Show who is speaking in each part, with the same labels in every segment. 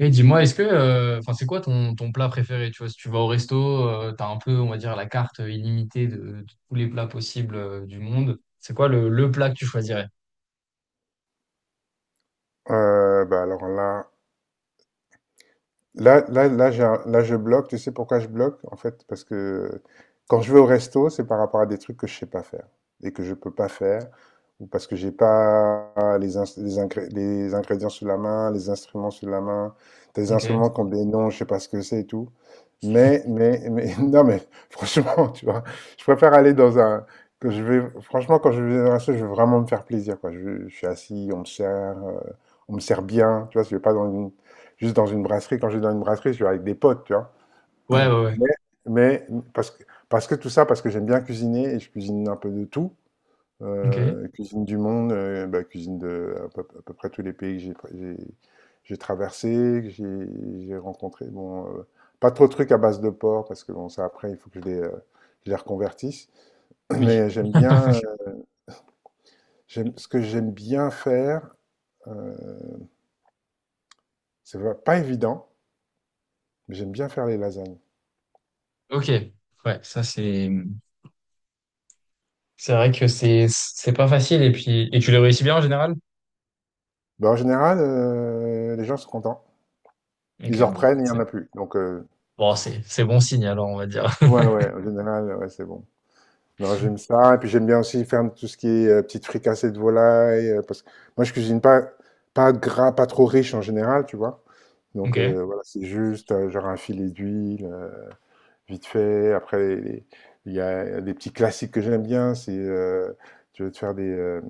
Speaker 1: Et dis-moi, est-ce que, enfin, c'est quoi ton plat préféré? Tu vois, si tu vas au resto, t'as un peu, on va dire, la carte illimitée de tous les plats possibles, du monde. C'est quoi le plat que tu choisirais?
Speaker 2: Alors là, j'ai là, je bloque. Tu sais pourquoi je bloque? En fait, parce que quand je vais au resto, c'est par rapport à des trucs que je sais pas faire et que je peux pas faire, ou parce que j'ai pas les ingrédients sous la main, les instruments sous la main, des
Speaker 1: Ok.
Speaker 2: instruments qui ont des noms, je sais pas ce que c'est et tout. Mais, non, mais franchement, tu vois, je préfère aller dans que je vais, franchement, quand je vais dans un resto, je veux vraiment me faire plaisir, quoi. Je suis assis, euh, on me sert bien, tu vois, je vais pas dans une juste dans une brasserie, quand je vais dans une brasserie, je suis avec des potes, tu vois.
Speaker 1: Ouais, ouais, ouais.
Speaker 2: Mais, mais parce que, parce que tout ça, parce que j'aime bien cuisiner et je cuisine un peu de tout.
Speaker 1: Ok.
Speaker 2: Cuisine du monde, bah, cuisine de à peu près tous les pays que j'ai traversé, que j'ai rencontré. Bon, pas trop de trucs à base de porc parce que bon, ça après il faut que je je les reconvertisse.
Speaker 1: Oui.
Speaker 2: Mais j'aime bien, j'aime ce que j'aime bien faire. euh, c'est pas évident, mais j'aime bien faire les lasagnes.
Speaker 1: Ok. Ouais, ça c'est vrai que c'est pas facile, et puis, tu les réussis bien en général?
Speaker 2: Bah, en général, les gens sont contents. Ils
Speaker 1: Ok,
Speaker 2: en
Speaker 1: bon,
Speaker 2: reprennent, il y en a plus. Donc,
Speaker 1: c'est bon signe alors, on va dire.
Speaker 2: ouais, ouais, en général, ouais, c'est bon. Non, j'aime ça et puis j'aime bien aussi faire tout ce qui est, petites fricassées de volaille, parce que moi, je cuisine pas gras, pas trop riche en général, tu vois? Donc,
Speaker 1: Ok.
Speaker 2: voilà, c'est juste, genre un filet d'huile, vite fait. Après, les il y a des petits classiques que j'aime bien, c'est, tu veux te faire des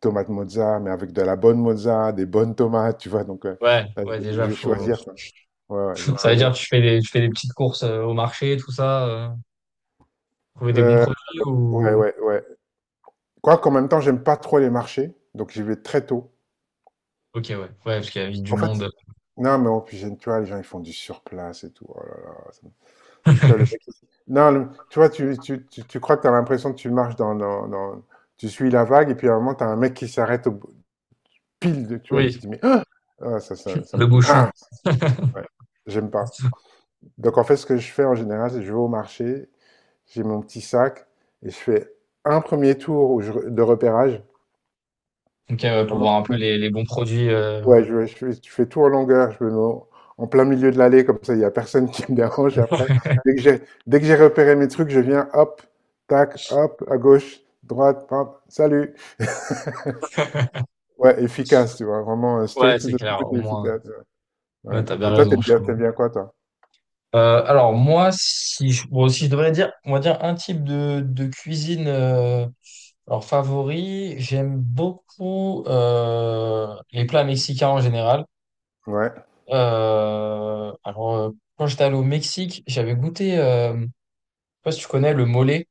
Speaker 2: tomates mozza, mais avec de la bonne mozza, des bonnes tomates, tu vois? Donc,
Speaker 1: Ouais,
Speaker 2: là,
Speaker 1: ouais, déjà,
Speaker 2: je vais
Speaker 1: faut,
Speaker 2: choisir, quoi. Ouais, ouais, je vais
Speaker 1: ça veut dire que
Speaker 2: choisir.
Speaker 1: tu fais des petites courses au marché, tout ça, trouver des bons
Speaker 2: Heu,
Speaker 1: produits,
Speaker 2: ouais,
Speaker 1: ou
Speaker 2: ouais, ouais. Quoique, en même temps, j'aime pas trop les marchés, donc j'y vais très tôt.
Speaker 1: OK, ouais. Ouais, parce qu'il y a vite du
Speaker 2: En fait,
Speaker 1: monde.
Speaker 2: non, mais en plus, tu vois, les gens, ils font du surplace et tout. Oh là là, tu vois, le mec, il- non, le- tu vois, tu crois que tu as l'impression que tu marches tu suis la vague, et puis à un moment, tu as un mec qui s'arrête pile de. Tu vois, tu te
Speaker 1: Oui,
Speaker 2: dis, mais. Ah, ça, ça, ça me.
Speaker 1: le bouchon.
Speaker 2: Ah, ouais, j'aime pas. Donc, en fait, ce que je fais en général, c'est que je vais au marché, j'ai mon petit sac, et je fais un premier tour où de repérage,
Speaker 1: OK, ouais, pour voir
Speaker 2: vraiment
Speaker 1: un peu les, bons produits.
Speaker 2: Ouais, je, je fais tout en longueur, je me mets en en plein milieu de l'allée, comme ça, il y a personne qui me dérange après. Dès que j'ai repéré mes trucs, je viens, hop, tac, hop, à gauche, droite, hop, salut. Ouais, efficace, tu vois, vraiment
Speaker 1: Ouais,
Speaker 2: straight to
Speaker 1: c'est
Speaker 2: the point
Speaker 1: clair, au
Speaker 2: et
Speaker 1: moins.
Speaker 2: efficace. Ouais.
Speaker 1: Ouais,
Speaker 2: Ouais.
Speaker 1: t'as bien
Speaker 2: Et toi,
Speaker 1: raison, je trouve.
Speaker 2: t'aimes bien quoi, toi?
Speaker 1: Alors, moi, si bon, si je devrais dire, on va dire un type de cuisine, alors, favori, j'aime beaucoup les plats mexicains en général.
Speaker 2: Ouais,
Speaker 1: Euh, alors, euh, Quand j'étais allé au Mexique, j'avais goûté, je sais pas si tu connais, le mole.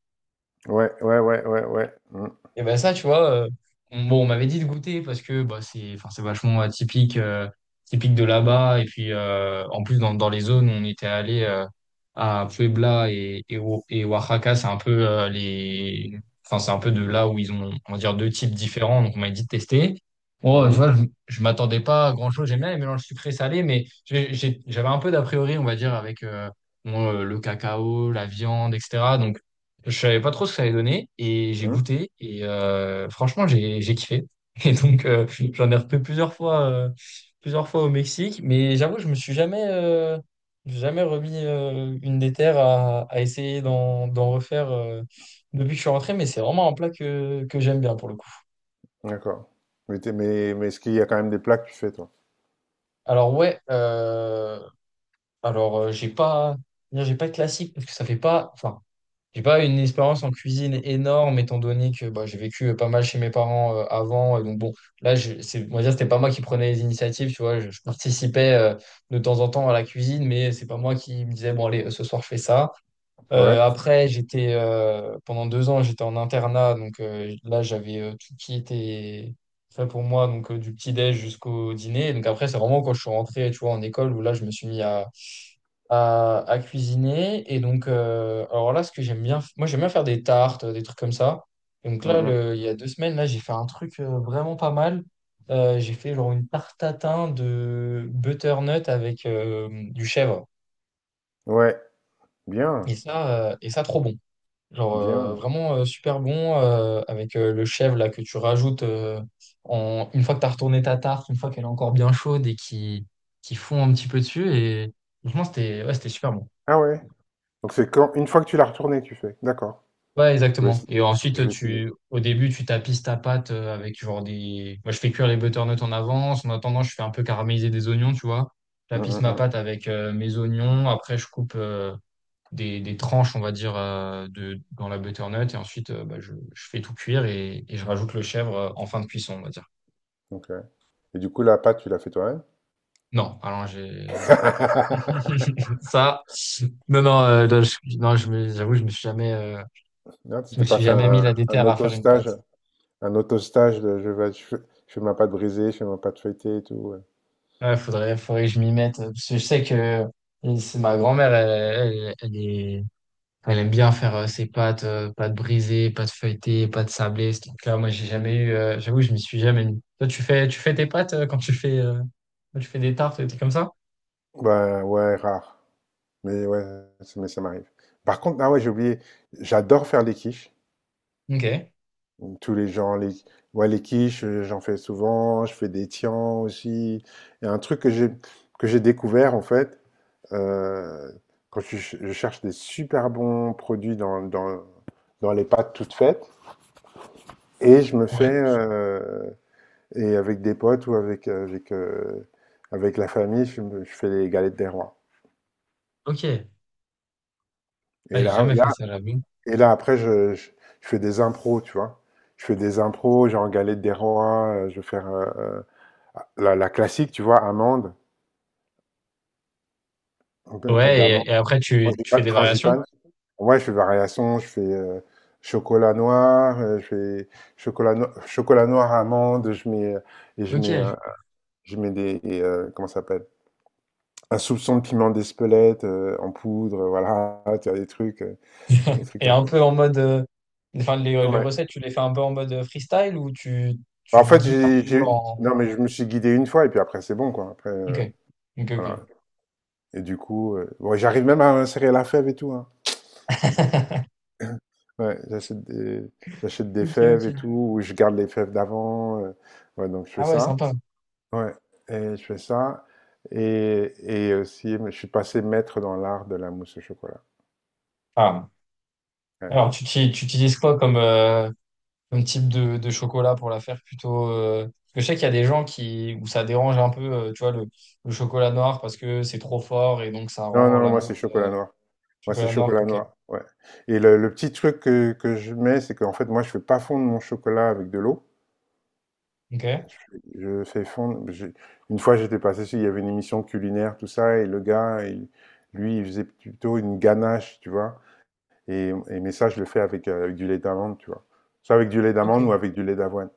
Speaker 2: ouais, ouais, ouais, ouais, ouais. Mhm,
Speaker 1: Et ben ça, tu vois, bon, on m'avait dit de goûter, parce que bah, c'est, enfin, c'est vachement atypique, typique de là-bas. Et puis, en plus, dans, les zones où on était allé, à Puebla et, et Oaxaca, c'est un peu enfin, c'est un peu de là où ils ont, on va dire, deux types différents. Donc, on m'avait dit de tester. Bon, tu
Speaker 2: mhm,
Speaker 1: vois, je m'attendais pas à grand-chose. J'aime bien les mélanges sucré-salé, mais j'avais un peu d'a priori, on va dire, avec bon, le cacao, la viande, etc. Donc, je savais pas trop ce que ça allait donner, et j'ai
Speaker 2: mhm.
Speaker 1: goûté et, franchement, j'ai kiffé. Et donc, j'en ai refait plusieurs fois au Mexique, mais j'avoue que je me suis jamais remis une des terres à essayer d'en refaire, depuis que je suis rentré, mais c'est vraiment un plat que j'aime bien pour le coup.
Speaker 2: D'accord. Mais, mais est-ce qu'il y a quand même des plats que tu fais, toi?
Speaker 1: Alors ouais, alors, j'ai pas de classique, parce que ça fait pas, enfin, j'ai pas une expérience en cuisine énorme, étant donné que bah, j'ai vécu pas mal chez mes parents, avant. Et donc bon, là, c'est, on va dire, c'était pas moi qui prenais les initiatives, tu vois. Je participais de temps en temps à la cuisine, mais c'est pas moi qui me disais, bon, allez, ce soir, je fais ça.
Speaker 2: Ouais.
Speaker 1: Après, j'étais, pendant deux ans, j'étais en internat. Donc là, j'avais tout qui était fait pour moi, donc du petit-déj jusqu'au dîner. Donc après, c'est vraiment quand je suis rentré, tu vois, en école, où là, je me suis mis à cuisiner. Et donc, alors là, ce que j'aime bien, moi, j'aime bien faire des tartes, des trucs comme ça. Et donc
Speaker 2: Mmh
Speaker 1: là,
Speaker 2: mh.
Speaker 1: il y a deux semaines, là, j'ai fait un truc, vraiment pas mal. J'ai fait genre une tarte tatin de butternut avec du chèvre.
Speaker 2: Ouais, bien,
Speaker 1: Et ça, trop bon. Genre
Speaker 2: bien.
Speaker 1: vraiment super bon, avec le chèvre là que tu rajoutes, une fois que tu as retourné ta tarte, une fois qu'elle est encore bien chaude et qui fond un petit peu dessus. Et franchement, c'était, ouais, c'était super bon.
Speaker 2: Ah ouais? Donc c'est quand une fois que tu l'as retournée, tu fais? D'accord.
Speaker 1: Ouais,
Speaker 2: Je vais
Speaker 1: exactement.
Speaker 2: ess
Speaker 1: Et
Speaker 2: je
Speaker 1: ensuite,
Speaker 2: vais essayer.
Speaker 1: au début, tu tapisses ta pâte, avec genre des. Moi, je fais cuire les butternuts en avance. En attendant, je fais un peu caraméliser des oignons, tu vois. Je
Speaker 2: Mmh,
Speaker 1: tapisse
Speaker 2: mmh,
Speaker 1: ma
Speaker 2: mmh.
Speaker 1: pâte avec mes oignons. Après, je coupe des tranches, on va dire, dans la butternut. Et ensuite, bah, je fais tout cuire, et, je rajoute le chèvre, en fin de cuisson, on va dire.
Speaker 2: OK, et du coup, la pâte, tu l'as fait toi-même?
Speaker 1: Non, alors j'ai. Ça. Non, non, là, non, j'avoue,
Speaker 2: Non, tu
Speaker 1: je me
Speaker 2: t'es pas
Speaker 1: suis
Speaker 2: fait
Speaker 1: jamais mis
Speaker 2: un
Speaker 1: la déterre à faire une pâte.
Speaker 2: auto-stage? Un auto-stage de je vais je fais ma pâte brisée, je fais ma pâte feuilletée et tout, ouais.
Speaker 1: Ouais, faudrait que je m'y mette, parce que je sais que c'est ma grand-mère, elle aime bien faire ses pâtes, pâtes brisées, pâtes feuilletées, pâtes sablées, ce truc-là. Moi, j'ai jamais eu, j'avoue, je m'y suis jamais mis. Toi, tu fais tes pâtes quand tu fais des tartes, des trucs comme ça?
Speaker 2: Bah, ouais, rare. Mais ouais, mais ça m'arrive. Par contre, ah ouais, j'ai oublié, j'adore faire les quiches.
Speaker 1: Ok.
Speaker 2: Donc, tous les gens les, ouais, les quiches, j'en fais souvent, je fais des tiens aussi. Il y a un truc que j'ai découvert en fait, euh, quand je, je cherche des super bons produits dans les pâtes toutes faites, et je me fais,
Speaker 1: Ouais.
Speaker 2: et avec des potes ou avec, avec la famille, je fais les galettes des rois.
Speaker 1: Ok. Ah,
Speaker 2: Et
Speaker 1: j'ai
Speaker 2: là,
Speaker 1: jamais
Speaker 2: là,
Speaker 1: fait ça, j'avoue.
Speaker 2: et là après, je fais des impros, tu vois. Je fais des impros, genre galette des rois, je vais faire. La, la classique, tu vois, amande, donc, pâte
Speaker 1: Ouais,
Speaker 2: d'amande,
Speaker 1: et après, tu fais des variations?
Speaker 2: frangipane. Ouais, je fais variation, je fais chocolat noir, je fais chocolat, no- chocolat noir, amande, et je mets,
Speaker 1: Ok.
Speaker 2: euh, je mets comment ça s'appelle? Un soupçon de piment d'Espelette en poudre, voilà, tu as des trucs
Speaker 1: Et
Speaker 2: un
Speaker 1: un
Speaker 2: peu.
Speaker 1: peu en mode, enfin, les
Speaker 2: Ouais.
Speaker 1: recettes, tu les fais un peu en mode, freestyle, ou tu
Speaker 2: En
Speaker 1: te
Speaker 2: fait,
Speaker 1: guides un peu en.
Speaker 2: non, mais je me suis guidé une fois, et puis après, c'est bon, quoi. Après,
Speaker 1: Ok, ok,
Speaker 2: voilà.
Speaker 1: ok.
Speaker 2: Et du coup, ouais, j'arrive même à insérer la fève et tout, hein. Ouais, j'achète des
Speaker 1: Ok,
Speaker 2: fèves et tout,
Speaker 1: ok.
Speaker 2: ou je garde les fèves d'avant. Ouais, donc je fais
Speaker 1: Ah ouais,
Speaker 2: ça.
Speaker 1: sympa.
Speaker 2: Ouais, et je fais ça. Et aussi, je suis passé maître dans l'art de la mousse au chocolat.
Speaker 1: Ah.
Speaker 2: Ouais.
Speaker 1: Alors, tu utilises quoi comme, comme type de chocolat pour la faire plutôt, parce que je sais qu'il y a des gens qui, où ça dérange un peu, tu vois, le chocolat noir parce que c'est trop fort, et donc ça
Speaker 2: Non,
Speaker 1: rend
Speaker 2: non,
Speaker 1: la
Speaker 2: moi
Speaker 1: mousse
Speaker 2: c'est chocolat noir. Moi c'est
Speaker 1: chocolat noir.
Speaker 2: chocolat
Speaker 1: Ok,
Speaker 2: noir. Ouais. Et le petit truc que je mets, c'est qu'en fait, moi je fais pas fondre mon chocolat avec de l'eau.
Speaker 1: ok,
Speaker 2: Je fais fondre. Je- Une fois, j'étais passé sur, il y avait une émission culinaire, tout ça, et lui, il faisait plutôt une ganache, tu vois. Mais ça, je le fais avec, avec du lait d'amande, tu vois. Soit avec du lait
Speaker 1: ok,
Speaker 2: d'amande ou avec du lait d'avoine.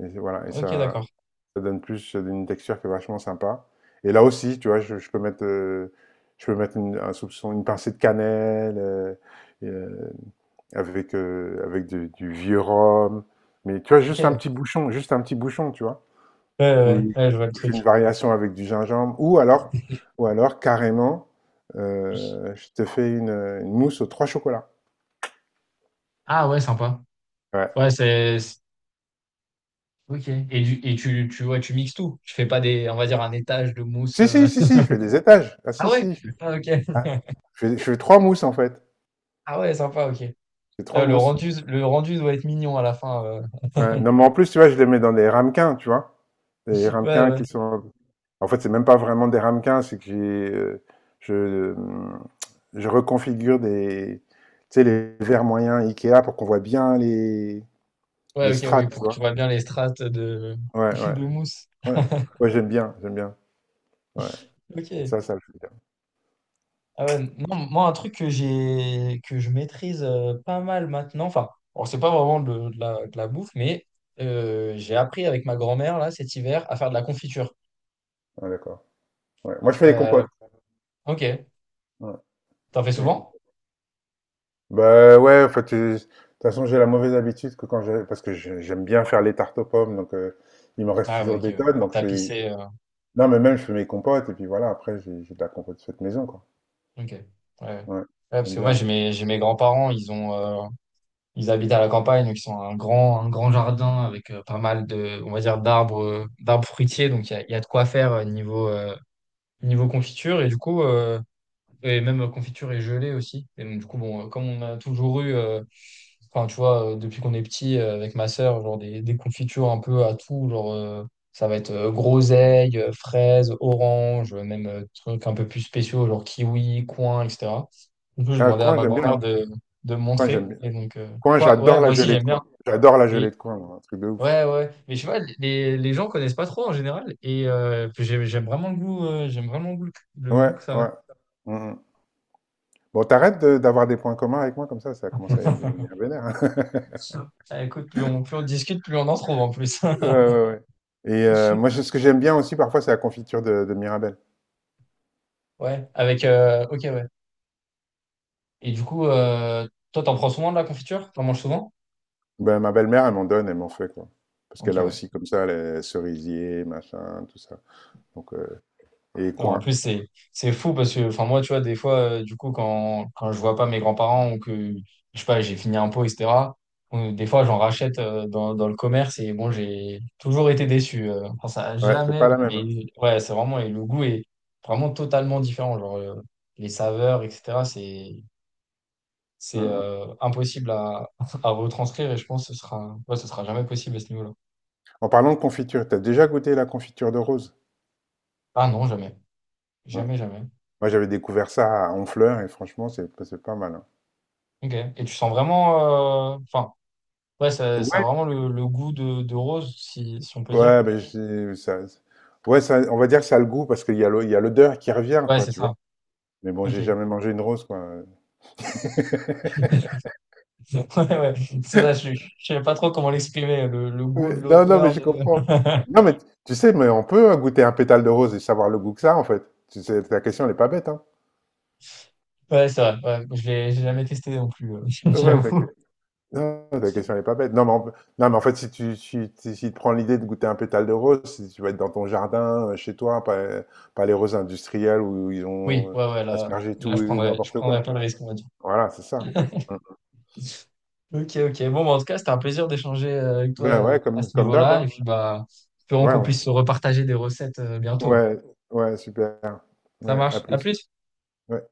Speaker 2: Et voilà, et
Speaker 1: ok,
Speaker 2: ça,
Speaker 1: d'accord.
Speaker 2: ça donne plus une texture qui est vachement sympa. Et là aussi, tu vois, je peux mettre un soupçon, une pincée de cannelle, euh, avec, avec du vieux rhum. Mais tu vois,
Speaker 1: Ok, ouais,
Speaker 2: juste un petit bouchon, tu vois.
Speaker 1: ouais, ouais,
Speaker 2: Oui,
Speaker 1: ouais, je vois le
Speaker 2: je fais
Speaker 1: truc.
Speaker 2: une variation avec du gingembre ou alors carrément, je te fais une mousse aux 3 chocolats.
Speaker 1: Ah ouais, sympa.
Speaker 2: Ouais.
Speaker 1: Ouais. Ok. Et, et ouais, tu mixes tout. Tu fais pas on va dire, un étage de mousse.
Speaker 2: Si, si, si, si, je fais des étages. Ah
Speaker 1: Ah
Speaker 2: si,
Speaker 1: ouais?
Speaker 2: si, je fais
Speaker 1: Ah, ok.
Speaker 2: ah, je fais 3 mousses en fait,
Speaker 1: Ah ouais, sympa, ok.
Speaker 2: je fais 3
Speaker 1: Ah, le
Speaker 2: mousses.
Speaker 1: rendu, le rendu doit être mignon à la fin.
Speaker 2: Ouais, non mais en plus, tu vois, je les mets dans des ramequins, tu vois? Des
Speaker 1: Ouais,
Speaker 2: ramequins
Speaker 1: ouais.
Speaker 2: qui sont en fait, c'est même pas vraiment des ramequins, c'est que je, mmh, je reconfigure des tu sais, les verres moyens IKEA pour qu'on voit bien les
Speaker 1: Ouais, ok, oui,
Speaker 2: strates, tu
Speaker 1: pour que tu
Speaker 2: vois?
Speaker 1: vois bien les strates de,
Speaker 2: Ouais, ouais.
Speaker 1: de mousse.
Speaker 2: Ouais. Ouais, j'aime bien, j'aime bien. Ouais. Et
Speaker 1: Ok.
Speaker 2: ça le fait bien.
Speaker 1: Ah ouais, non, moi, un truc que j'ai, que je maîtrise pas mal maintenant, enfin, bon, c'est pas vraiment de la bouffe, mais j'ai appris avec ma grand-mère, là, cet hiver, à faire de la confiture.
Speaker 2: Ouais, d'accord. Ouais. Moi, je fais les
Speaker 1: Euh,
Speaker 2: compotes.
Speaker 1: ok.
Speaker 2: Ouais,
Speaker 1: T'en fais
Speaker 2: je fais les
Speaker 1: souvent?
Speaker 2: compotes. Bah ouais, en fait, de toute façon, j'ai la mauvaise habitude que quand j'ai... Parce que j'aime bien faire les tartes aux pommes, donc il me reste
Speaker 1: Ah ouais,
Speaker 2: toujours
Speaker 1: ok,
Speaker 2: des
Speaker 1: ouais.
Speaker 2: tonnes.
Speaker 1: Pour
Speaker 2: Donc je fais...
Speaker 1: tapisser.
Speaker 2: Non, mais même, je fais mes compotes, et puis voilà, après, j'ai de la compote faite maison, quoi.
Speaker 1: Ok. Ouais. Ouais,
Speaker 2: Ouais,
Speaker 1: parce
Speaker 2: j'aime
Speaker 1: que moi,
Speaker 2: bien.
Speaker 1: j'ai mes grands-parents, ils ont. Ils habitent à la campagne, donc ils ont un grand, jardin avec pas mal de, on va dire, d'arbres, fruitiers. Donc il y a de quoi faire niveau confiture. Et du coup, et même confiture et gelée aussi. Et donc, du coup, bon, comme on a toujours eu, enfin, tu vois, depuis qu'on est petit, avec ma sœur, genre des confitures un peu à tout, genre, ça va être groseille, fraise, orange, même trucs un peu plus spéciaux, genre kiwi, coin, etc. Du coup, j'ai
Speaker 2: Ah,
Speaker 1: demandé à
Speaker 2: coin,
Speaker 1: ma
Speaker 2: j'aime bien,
Speaker 1: grand-mère
Speaker 2: hein.
Speaker 1: de me
Speaker 2: Coin, j'aime
Speaker 1: montrer.
Speaker 2: bien.
Speaker 1: Et donc,
Speaker 2: Coin,
Speaker 1: quoi, ouais,
Speaker 2: j'adore la
Speaker 1: moi aussi,
Speaker 2: gelée de
Speaker 1: j'aime bien.
Speaker 2: coin. J'adore la
Speaker 1: Et,
Speaker 2: gelée de coin, moi, un truc de ouf.
Speaker 1: ouais, ouais. Mais je sais pas, les gens connaissent pas trop en général. Et puis j'aime vraiment le goût, le goût
Speaker 2: Ouais,
Speaker 1: que ça a.
Speaker 2: ouais. Mhm. Bon, d'avoir des points communs avec moi comme ça commence à devenir vénère, hein.
Speaker 1: Ah, écoute, plus on discute, plus on en trouve en plus.
Speaker 2: Ouais, ouais, ouais, ouais. Et moi, ce que j'aime bien aussi parfois, c'est la confiture de Mirabelle.
Speaker 1: Ouais, ok, ouais. Et du coup, toi, t'en prends souvent de la confiture? T'en manges souvent?
Speaker 2: Ben, ma belle-mère, elle m'en donne, elle m'en fait, quoi. Parce
Speaker 1: Ok,
Speaker 2: qu'elle a
Speaker 1: ouais.
Speaker 2: aussi comme ça les cerisiers, machin, tout ça. Donc, et
Speaker 1: Non, en
Speaker 2: coin.
Speaker 1: plus, c'est, fou parce que, enfin, moi, tu vois, des fois, du coup, quand je vois pas mes grands-parents, ou que, je sais pas, j'ai fini un pot, etc., ou des fois, j'en rachète dans le commerce, et bon, j'ai toujours été déçu. Enfin, ça a
Speaker 2: Ouais, c'est
Speaker 1: jamais,
Speaker 2: pas la même,
Speaker 1: mais
Speaker 2: hein.
Speaker 1: ouais, c'est vraiment, et le goût est vraiment totalement différent. Genre, les saveurs, etc., c'est,
Speaker 2: Mm,
Speaker 1: c'est
Speaker 2: mm.
Speaker 1: euh, impossible à, à retranscrire, et je pense que ce sera, ouais, ce sera jamais possible à ce niveau-là.
Speaker 2: En parlant de confiture, t'as déjà goûté la confiture de rose?
Speaker 1: Ah non, jamais.
Speaker 2: Ouais.
Speaker 1: Jamais, jamais.
Speaker 2: Moi, j'avais découvert ça à Honfleur et franchement, c'est pas mal, hein.
Speaker 1: Ok. Et tu sens vraiment. Enfin, ouais, ça
Speaker 2: Ouais,
Speaker 1: a vraiment le goût de rose, si on peut dire.
Speaker 2: ouais, ben, ouais, ça, on va dire que ça a le goût parce qu'il y a il y a l'odeur qui revient,
Speaker 1: Ouais,
Speaker 2: quoi,
Speaker 1: c'est
Speaker 2: tu vois.
Speaker 1: ça.
Speaker 2: Mais bon,
Speaker 1: Ok.
Speaker 2: j'ai jamais mangé une rose, quoi.
Speaker 1: Ouais, ouais. C'est ça, je ne sais pas trop comment l'exprimer, le goût de
Speaker 2: Ouais, non, non, mais
Speaker 1: l'odeur.
Speaker 2: je comprends. Non, mais tu sais, mais on peut hein, goûter un pétale de rose et savoir le goût que ça, en fait. Tu sais, ta question n'est pas bête, hein.
Speaker 1: Ouais, c'est vrai. Ouais, je l'ai j'ai jamais testé non plus,
Speaker 2: Ouais, la que-
Speaker 1: j'avoue.
Speaker 2: non, ta question n'est pas bête. Non, mais en fait, si tu si tu prends l'idée de goûter un pétale de rose, si tu vas être dans ton jardin, chez toi, pas les roses industrielles où ils
Speaker 1: Oui,
Speaker 2: ont
Speaker 1: ouais, ouais, là,
Speaker 2: aspergé
Speaker 1: là
Speaker 2: tout
Speaker 1: je
Speaker 2: et
Speaker 1: prendrais, je
Speaker 2: n'importe
Speaker 1: prendrais
Speaker 2: quoi.
Speaker 1: pas le risque, on va dire.
Speaker 2: Voilà, c'est ça. Mm.
Speaker 1: Ok, ok. Bon, bah, en tout cas, c'était un plaisir d'échanger avec toi
Speaker 2: Ben ouais,
Speaker 1: à
Speaker 2: comme,
Speaker 1: ce
Speaker 2: comme d'hab,
Speaker 1: niveau-là. Et
Speaker 2: hein.
Speaker 1: puis, bah, espérons
Speaker 2: Ouais,
Speaker 1: qu'on
Speaker 2: ouais,
Speaker 1: puisse se repartager des recettes bientôt.
Speaker 2: ouais, ouais, super.
Speaker 1: Ça
Speaker 2: Ouais, à
Speaker 1: marche. À
Speaker 2: plus.
Speaker 1: plus.
Speaker 2: Ouais.